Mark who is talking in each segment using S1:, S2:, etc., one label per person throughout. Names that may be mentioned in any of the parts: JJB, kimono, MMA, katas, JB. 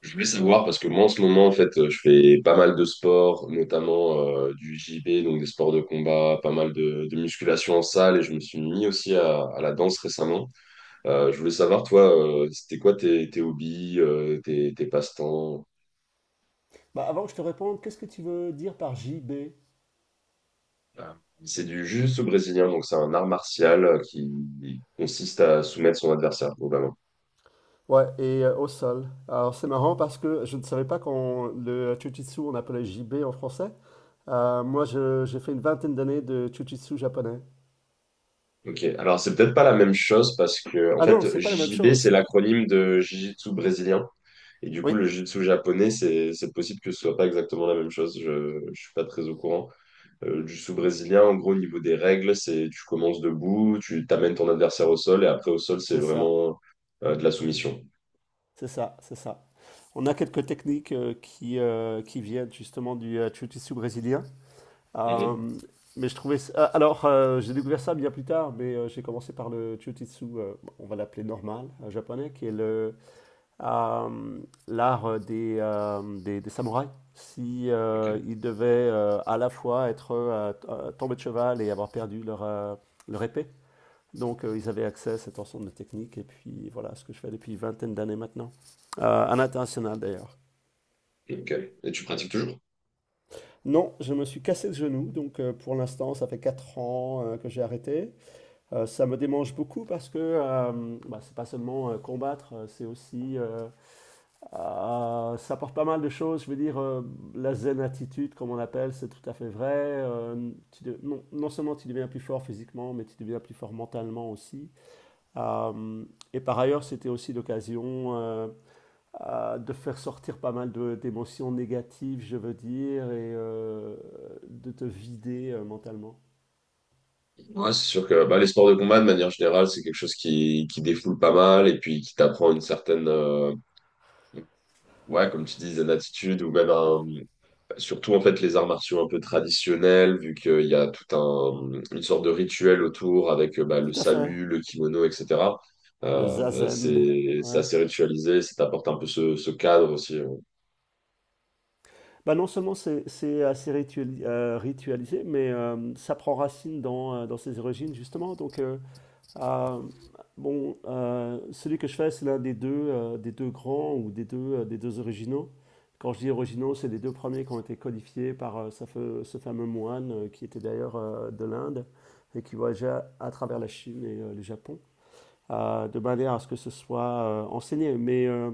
S1: Je voulais savoir parce que moi en ce moment en fait je fais pas mal de sports, notamment du JB, donc des sports de combat, pas mal de musculation en salle et je me suis mis aussi à la danse récemment. Je voulais savoir toi, c'était quoi tes hobbies, tes passe-temps?
S2: Avant que je te réponde, qu'est-ce que tu veux dire par J B?
S1: Ah. C'est du jiu-jitsu brésilien, donc c'est un art martial qui consiste à soumettre son adversaire, globalement.
S2: Ouais, et au sol. Alors c'est marrant parce que je ne savais pas qu'on le jujitsu on appelait J B en français. J'ai fait une vingtaine d'années de jujitsu japonais.
S1: Ok, alors c'est peut-être pas la même chose parce que en
S2: Ah non,
S1: fait
S2: c'est pas la même
S1: JJB c'est
S2: chose.
S1: l'acronyme de jiu-jitsu brésilien et du coup
S2: Oui.
S1: le jiu-jitsu japonais c'est possible que ce soit pas exactement la même chose. Je suis pas très au courant. Du jiu brésilien en gros au niveau des règles c'est tu commences debout, tu t'amènes ton adversaire au sol et après au sol c'est
S2: C'est ça,
S1: vraiment de la soumission.
S2: c'est ça, c'est ça. On a quelques techniques qui viennent justement du jiu-jitsu brésilien. Euh,
S1: Mhm.
S2: mais je trouvais. Ça- ah, Alors, j'ai découvert ça bien plus tard, mais j'ai commencé par le jiu-jitsu, on va l'appeler normal, japonais, qui est le euh, l'art des samouraïs. Si
S1: Ok.
S2: ils devaient à la fois être tombés de cheval et avoir perdu leur épée. Donc ils avaient accès à cet ensemble de techniques et puis voilà ce que je fais depuis une vingtaine d'années maintenant. À l'international d'ailleurs.
S1: Ok. Et tu pratiques toujours?
S2: Non, je me suis cassé le genou, donc pour l'instant ça fait 4 ans que j'ai arrêté. Ça me démange beaucoup parce que c'est pas seulement combattre, c'est aussi ça porte pas mal de choses. Je veux dire, la zen attitude, comme on l'appelle, c'est tout à fait vrai. Non, non seulement tu deviens plus fort physiquement, mais tu deviens plus fort mentalement aussi. Euh, et par ailleurs, c'était aussi l'occasion de faire sortir pas mal de- d'émotions négatives, je veux dire, et de te vider mentalement.
S1: Ouais, c'est sûr que bah, les sports de combat de manière générale c'est quelque chose qui défoule pas mal et puis qui t'apprend une certaine ouais, comme tu disais, l'attitude ou même surtout en fait les arts martiaux un peu traditionnels, vu qu'il y a tout un une sorte de rituel autour avec bah,
S2: Tout
S1: le
S2: à fait.
S1: salut, le kimono, etc.
S2: Le zazen.
S1: C'est
S2: Ouais.
S1: assez ritualisé, ça t'apporte un peu ce cadre aussi.
S2: Bah non seulement c'est assez ritualisé, mais ça prend racine dans ses origines justement. Euh, Celui que je fais, c'est l'un des deux grands ou des deux originaux. Quand je dis originaux, c'est les deux premiers qui ont été codifiés par ce fameux moine qui était d'ailleurs de l'Inde et qui voyageait à travers la Chine et le Japon à, de manière à ce que ce soit enseigné. Mais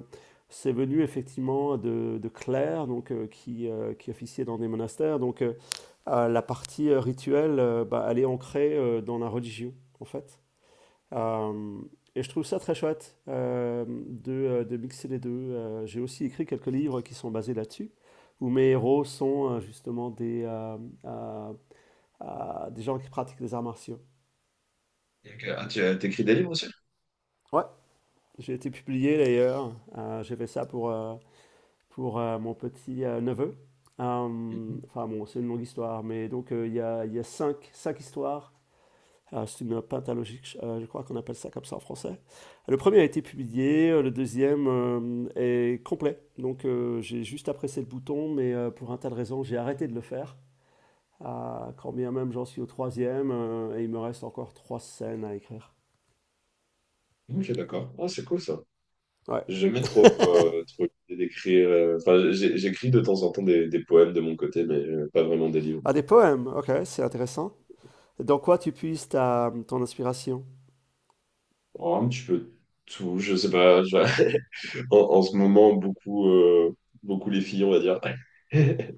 S2: c'est venu effectivement de Claire, donc, qui officiait dans des monastères. La partie rituelle, elle est ancrée dans la religion, en fait. Euh, et je trouve ça très chouette de mixer les deux. J'ai aussi écrit quelques livres qui sont basés là-dessus, où mes héros sont justement euh, des gens qui pratiquent les arts martiaux.
S1: Ok. Ah, t'écris des livres aussi?
S2: Ouais, j'ai été publié d'ailleurs. J'ai fait ça pour mon petit neveu.
S1: Mhm.
S2: Enfin bon, c'est une longue histoire, mais donc il y a cinq, cinq histoires. C'est une pentalogique, je crois qu'on appelle ça comme ça en français. Le premier a été publié, le deuxième est complet. Donc j'ai juste apprécié le bouton, mais pour un tas de raisons, j'ai arrêté de le faire. Ah, quand bien même j'en suis au troisième, et il me reste encore trois scènes à écrire.
S1: Ok, d'accord. Ah, c'est cool ça.
S2: Ouais.
S1: J'aimais trop, trop l'idée d'écrire. Enfin, j'écris de temps en temps des poèmes de mon côté, mais pas vraiment des livres.
S2: Ah, des poèmes, ok, c'est intéressant. Dans quoi tu puises ta, ton inspiration?
S1: Oh, un petit peu tout, je sais pas. En ce moment, beaucoup, beaucoup les filles, on va dire. Ouais.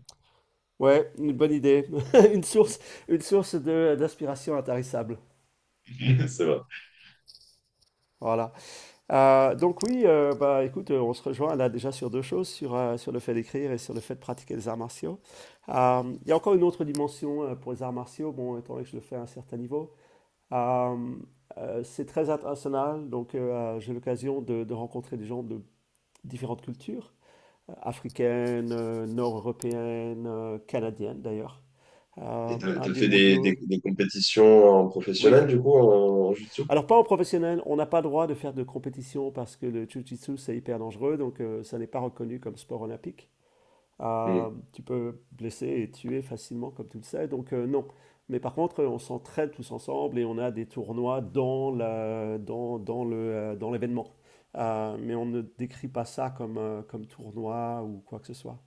S2: Ouais, une bonne idée. Une source, une source d'inspiration intarissable.
S1: C'est vrai.
S2: Voilà. Donc oui, bah écoute, on se rejoint là déjà sur deux choses, sur le fait d'écrire et sur le fait de pratiquer les arts martiaux. Il y a encore une autre dimension pour les arts martiaux, bon, étant donné que je le fais à un certain niveau. Euh, c'est très international, donc j'ai l'occasion de rencontrer des gens de différentes cultures, africaines, nord-européennes, canadiennes d'ailleurs.
S1: Et
S2: Un
S1: t'as
S2: des
S1: fait
S2: mondiaux,
S1: des compétitions en professionnel,
S2: oui.
S1: du coup, en jutsu?
S2: Alors, pas en professionnel, on n'a pas le droit de faire de compétition parce que le jiu-jitsu, c'est hyper dangereux, donc ça n'est pas reconnu comme sport olympique. Tu peux blesser et tuer facilement, comme tu le sais, donc non. Mais par contre, on s'entraide tous ensemble et on a des tournois dans le, dans l'événement. Mais on ne décrit pas ça comme, comme tournoi ou quoi que ce soit.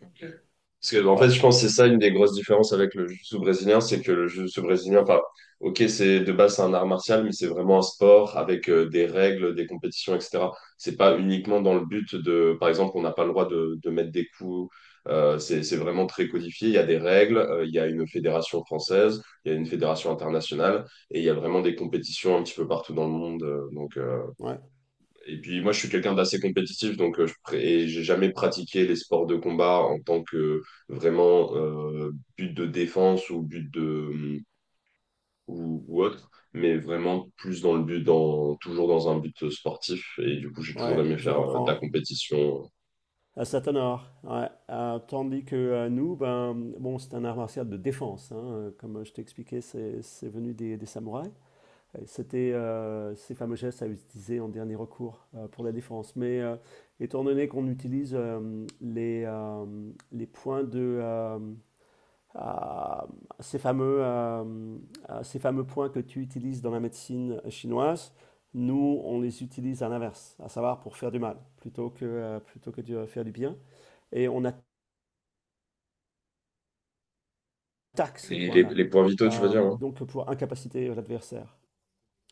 S1: Parce que, en fait,
S2: Voilà.
S1: je pense que c'est ça une des grosses différences avec le jiu-jitsu brésilien, c'est que le jiu-jitsu brésilien, enfin, ok, c'est de base c'est un art martial, mais c'est vraiment un sport avec des règles, des compétitions, etc. C'est pas uniquement dans le but de, par exemple, on n'a pas le droit de mettre des coups. C'est vraiment très codifié. Il y a des règles, il y a une fédération française, il y a une fédération internationale, et il y a vraiment des compétitions un petit peu partout dans le monde.
S2: Ouais,
S1: Et puis moi, je suis quelqu'un d'assez compétitif, donc et j'ai jamais pratiqué les sports de combat en tant que vraiment but de défense ou but ou autre, mais vraiment plus dans le but dans toujours dans un but sportif. Et du coup, j'ai toujours
S2: ouais,
S1: aimé
S2: je
S1: faire de la
S2: comprends.
S1: compétition.
S2: À c'est art. Ouais. Tandis que nous, ben, bon, c'est un art martial de défense, hein. Comme je t'ai expliqué, c'est venu des samouraïs. C'était ces fameux gestes à utiliser en dernier recours pour la défense. Mais étant donné qu'on utilise les points de... ah, ces fameux, euh, ces fameux points que tu utilises dans la médecine chinoise, nous, on les utilise à l'inverse, à savoir pour faire du mal, plutôt que de faire du bien et on attaque ces
S1: Et
S2: points-là.
S1: les points vitaux, tu veux dire, hein?
S2: Donc pour incapaciter l'adversaire.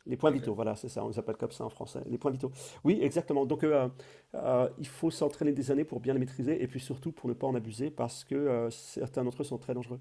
S2: Les points vitaux, voilà, c'est ça, on les appelle comme ça en français, les points vitaux. Oui, exactement. Il faut s'entraîner des années pour bien les maîtriser et puis surtout pour ne pas en abuser parce que certains d'entre eux sont très dangereux.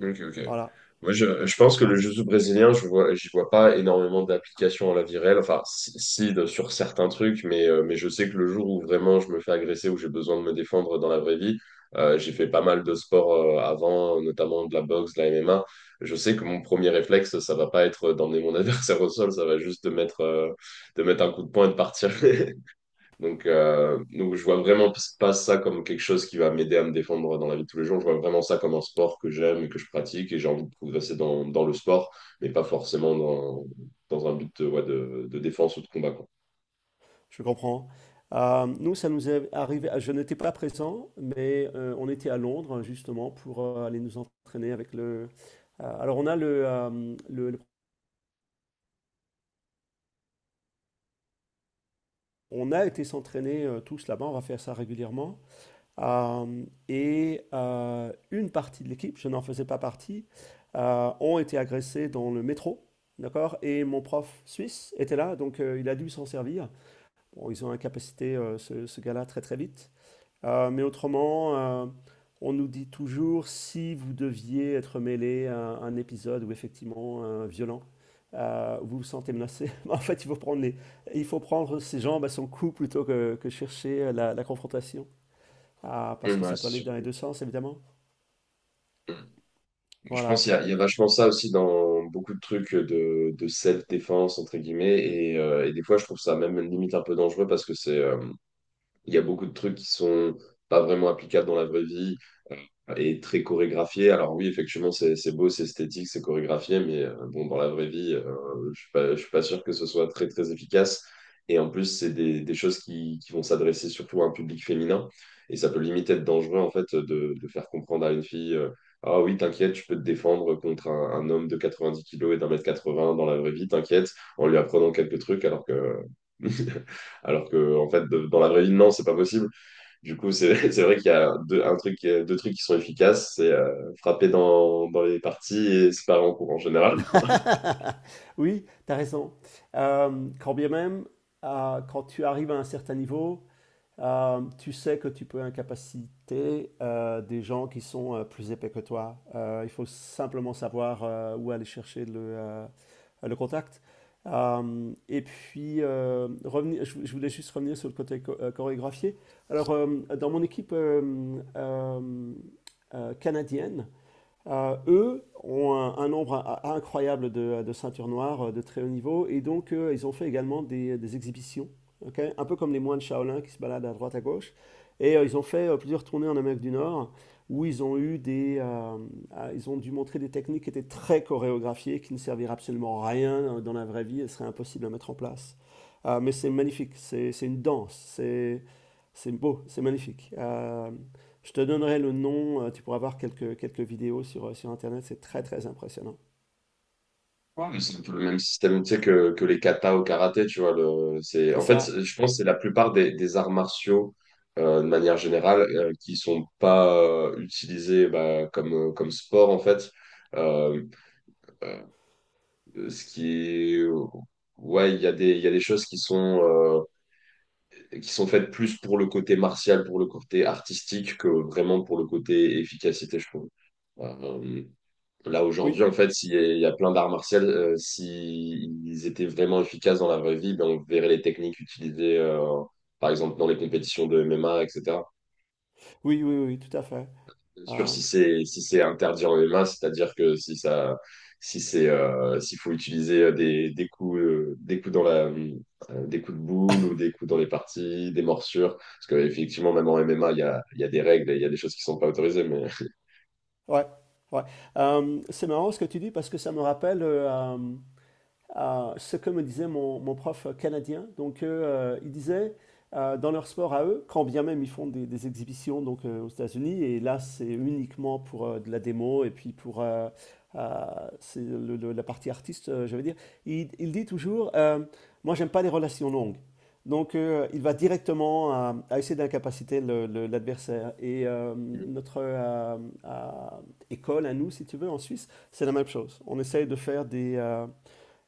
S1: Ok, ok.
S2: Voilà,
S1: Moi, je pense que le jiu-jitsu brésilien, je vois, j'y vois pas énormément d'applications à la vie réelle. Enfin, si, sur certains trucs, mais je sais que le jour où vraiment je me fais agresser, où j'ai besoin de me défendre dans la vraie vie, j'ai fait pas mal de sports avant, notamment de la boxe, de la MMA. Je sais que mon premier réflexe, ça va pas être d'emmener mon adversaire au sol, ça va juste de mettre un coup de poing et de partir. Donc, je vois vraiment pas ça comme quelque chose qui va m'aider à me défendre dans la vie de tous les jours. Je vois vraiment ça comme un sport que j'aime et que je pratique et j'ai envie de progresser dans le sport, mais pas forcément dans un but de, ouais, de défense ou de combat, quoi.
S2: je comprends. Nous, ça nous est arrivé. Je n'étais pas présent, mais on était à Londres justement pour aller nous entraîner avec le. Alors on a le- On a été s'entraîner tous là-bas. On va faire ça régulièrement. Une partie de l'équipe, je n'en faisais pas partie, ont été agressés dans le métro, d'accord? Et mon prof suisse était là, donc il a dû s'en servir. Bon, ils ont incapacité ce gars-là très très vite. Mais autrement, on nous dit toujours si vous deviez être mêlé à un épisode où effectivement violent, vous vous sentez menacé. En fait, il faut prendre ses jambes à son cou plutôt que chercher la confrontation. Ah, parce
S1: Mm,
S2: que
S1: ouais,
S2: ça peut aller
S1: c'est sûr.
S2: dans les deux sens, évidemment.
S1: Mm. Je pense
S2: Voilà.
S1: qu'il y a vachement ça aussi dans beaucoup de trucs de self-défense, entre guillemets, et des fois, je trouve ça même limite un peu dangereux parce que il y a beaucoup de trucs qui sont pas vraiment applicables dans la vraie vie. Et très chorégraphié. Alors oui, effectivement, c'est beau, c'est esthétique, c'est chorégraphié, mais bon, dans la vraie vie, je suis pas sûr que ce soit très, très efficace. Et en plus, c'est des choses qui vont s'adresser surtout à un public féminin. Et ça peut limite être dangereux, en fait, de faire comprendre à une fille, ah oui, t'inquiète, je peux te défendre contre un homme de 90 kilos et d'un mètre 80 dans la vraie vie, t'inquiète, en lui apprenant quelques trucs, alors que, alors que, en fait, dans la vraie vie, non, c'est pas possible. Du coup, c'est c'est vrai qu'il y a deux trucs qui sont efficaces, c'est frapper dans les parties et séparer en cours en général.
S2: Oui, tu as raison. Quand bien même, quand tu arrives à un certain niveau, tu sais que tu peux incapaciter des gens qui sont plus épais que toi. Il faut simplement savoir où aller chercher le contact. Je voulais juste revenir sur le côté chorégraphié. Alors, dans mon équipe canadienne, eux ont un nombre incroyable de ceintures noires de très haut niveau et donc ils ont fait également des exhibitions, ok. Un peu comme les moines Shaolin qui se baladent à droite à gauche. Et ils ont fait plusieurs tournées en Amérique du Nord où ils ont eu ils ont dû montrer des techniques qui étaient très chorégraphiées, qui ne serviraient absolument à rien dans la vraie vie, elles seraient impossibles à mettre en place. Mais c'est magnifique, c'est une danse, c'est beau, c'est magnifique. Je te donnerai le nom, tu pourras voir quelques vidéos sur Internet, c'est très très impressionnant.
S1: Ouais, mais c'est un peu le même système, tu sais, que les katas au karaté, tu vois. Le, c'est,
S2: C'est
S1: en fait,
S2: ça,
S1: c'est- Je pense que c'est la plupart des arts martiaux, de manière générale, qui sont pas utilisés bah, comme sport, en fait. Euh, ce qui est... Ouais, il y a il y a des choses qui sont faites plus pour le côté martial, pour le côté artistique, que vraiment pour le côté efficacité, je trouve. Euh, là,
S2: oui,
S1: aujourd'hui, en fait, s'il y a plein d'arts martiaux, s'ils étaient vraiment efficaces dans la vraie vie, ben, on verrait les techniques utilisées, par exemple, dans les compétitions de MMA, etc.
S2: oui, oui, oui, tout à fait.
S1: Bien sûr,
S2: Euh,
S1: si c'est interdit en MMA, c'est-à-dire que si ça si c'est s'il faut utiliser des coups dans la des coups de boule ou des coups dans les parties, des morsures, parce que effectivement même en MMA il y a des règles et il y a des choses qui sont pas autorisées, mais
S2: ouais, ouais. C'est marrant ce que tu dis parce que ça me rappelle ce que me disait mon prof canadien. Donc, il disait, dans leur sport à eux, quand bien même ils font des exhibitions donc, aux États-Unis, et là, c'est uniquement pour de la démo et puis pour euh, c'est la partie artiste, je veux dire, il dit toujours, moi, j'aime pas les relations longues. Donc, il va directement à essayer d'incapaciter l'adversaire. Et notre euh, école, à nous, si tu veux, en Suisse, c'est la même chose. On essaye de faire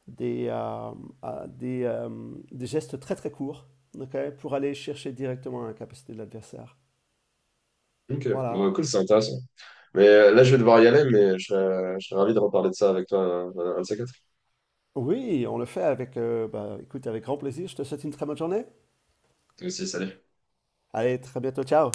S2: des, euh, des, euh, des gestes très très courts, ok, pour aller chercher directement la capacité de l'adversaire.
S1: ok, bon,
S2: Voilà.
S1: cool, c'est intéressant. Mais là je vais devoir y aller, mais je serais ravi de reparler de ça avec toi un de ces quatre.
S2: Oui, on le fait avec, écoute, avec grand plaisir. Je te souhaite une très bonne journée.
S1: Toi aussi, salut.
S2: Allez, très bientôt, ciao.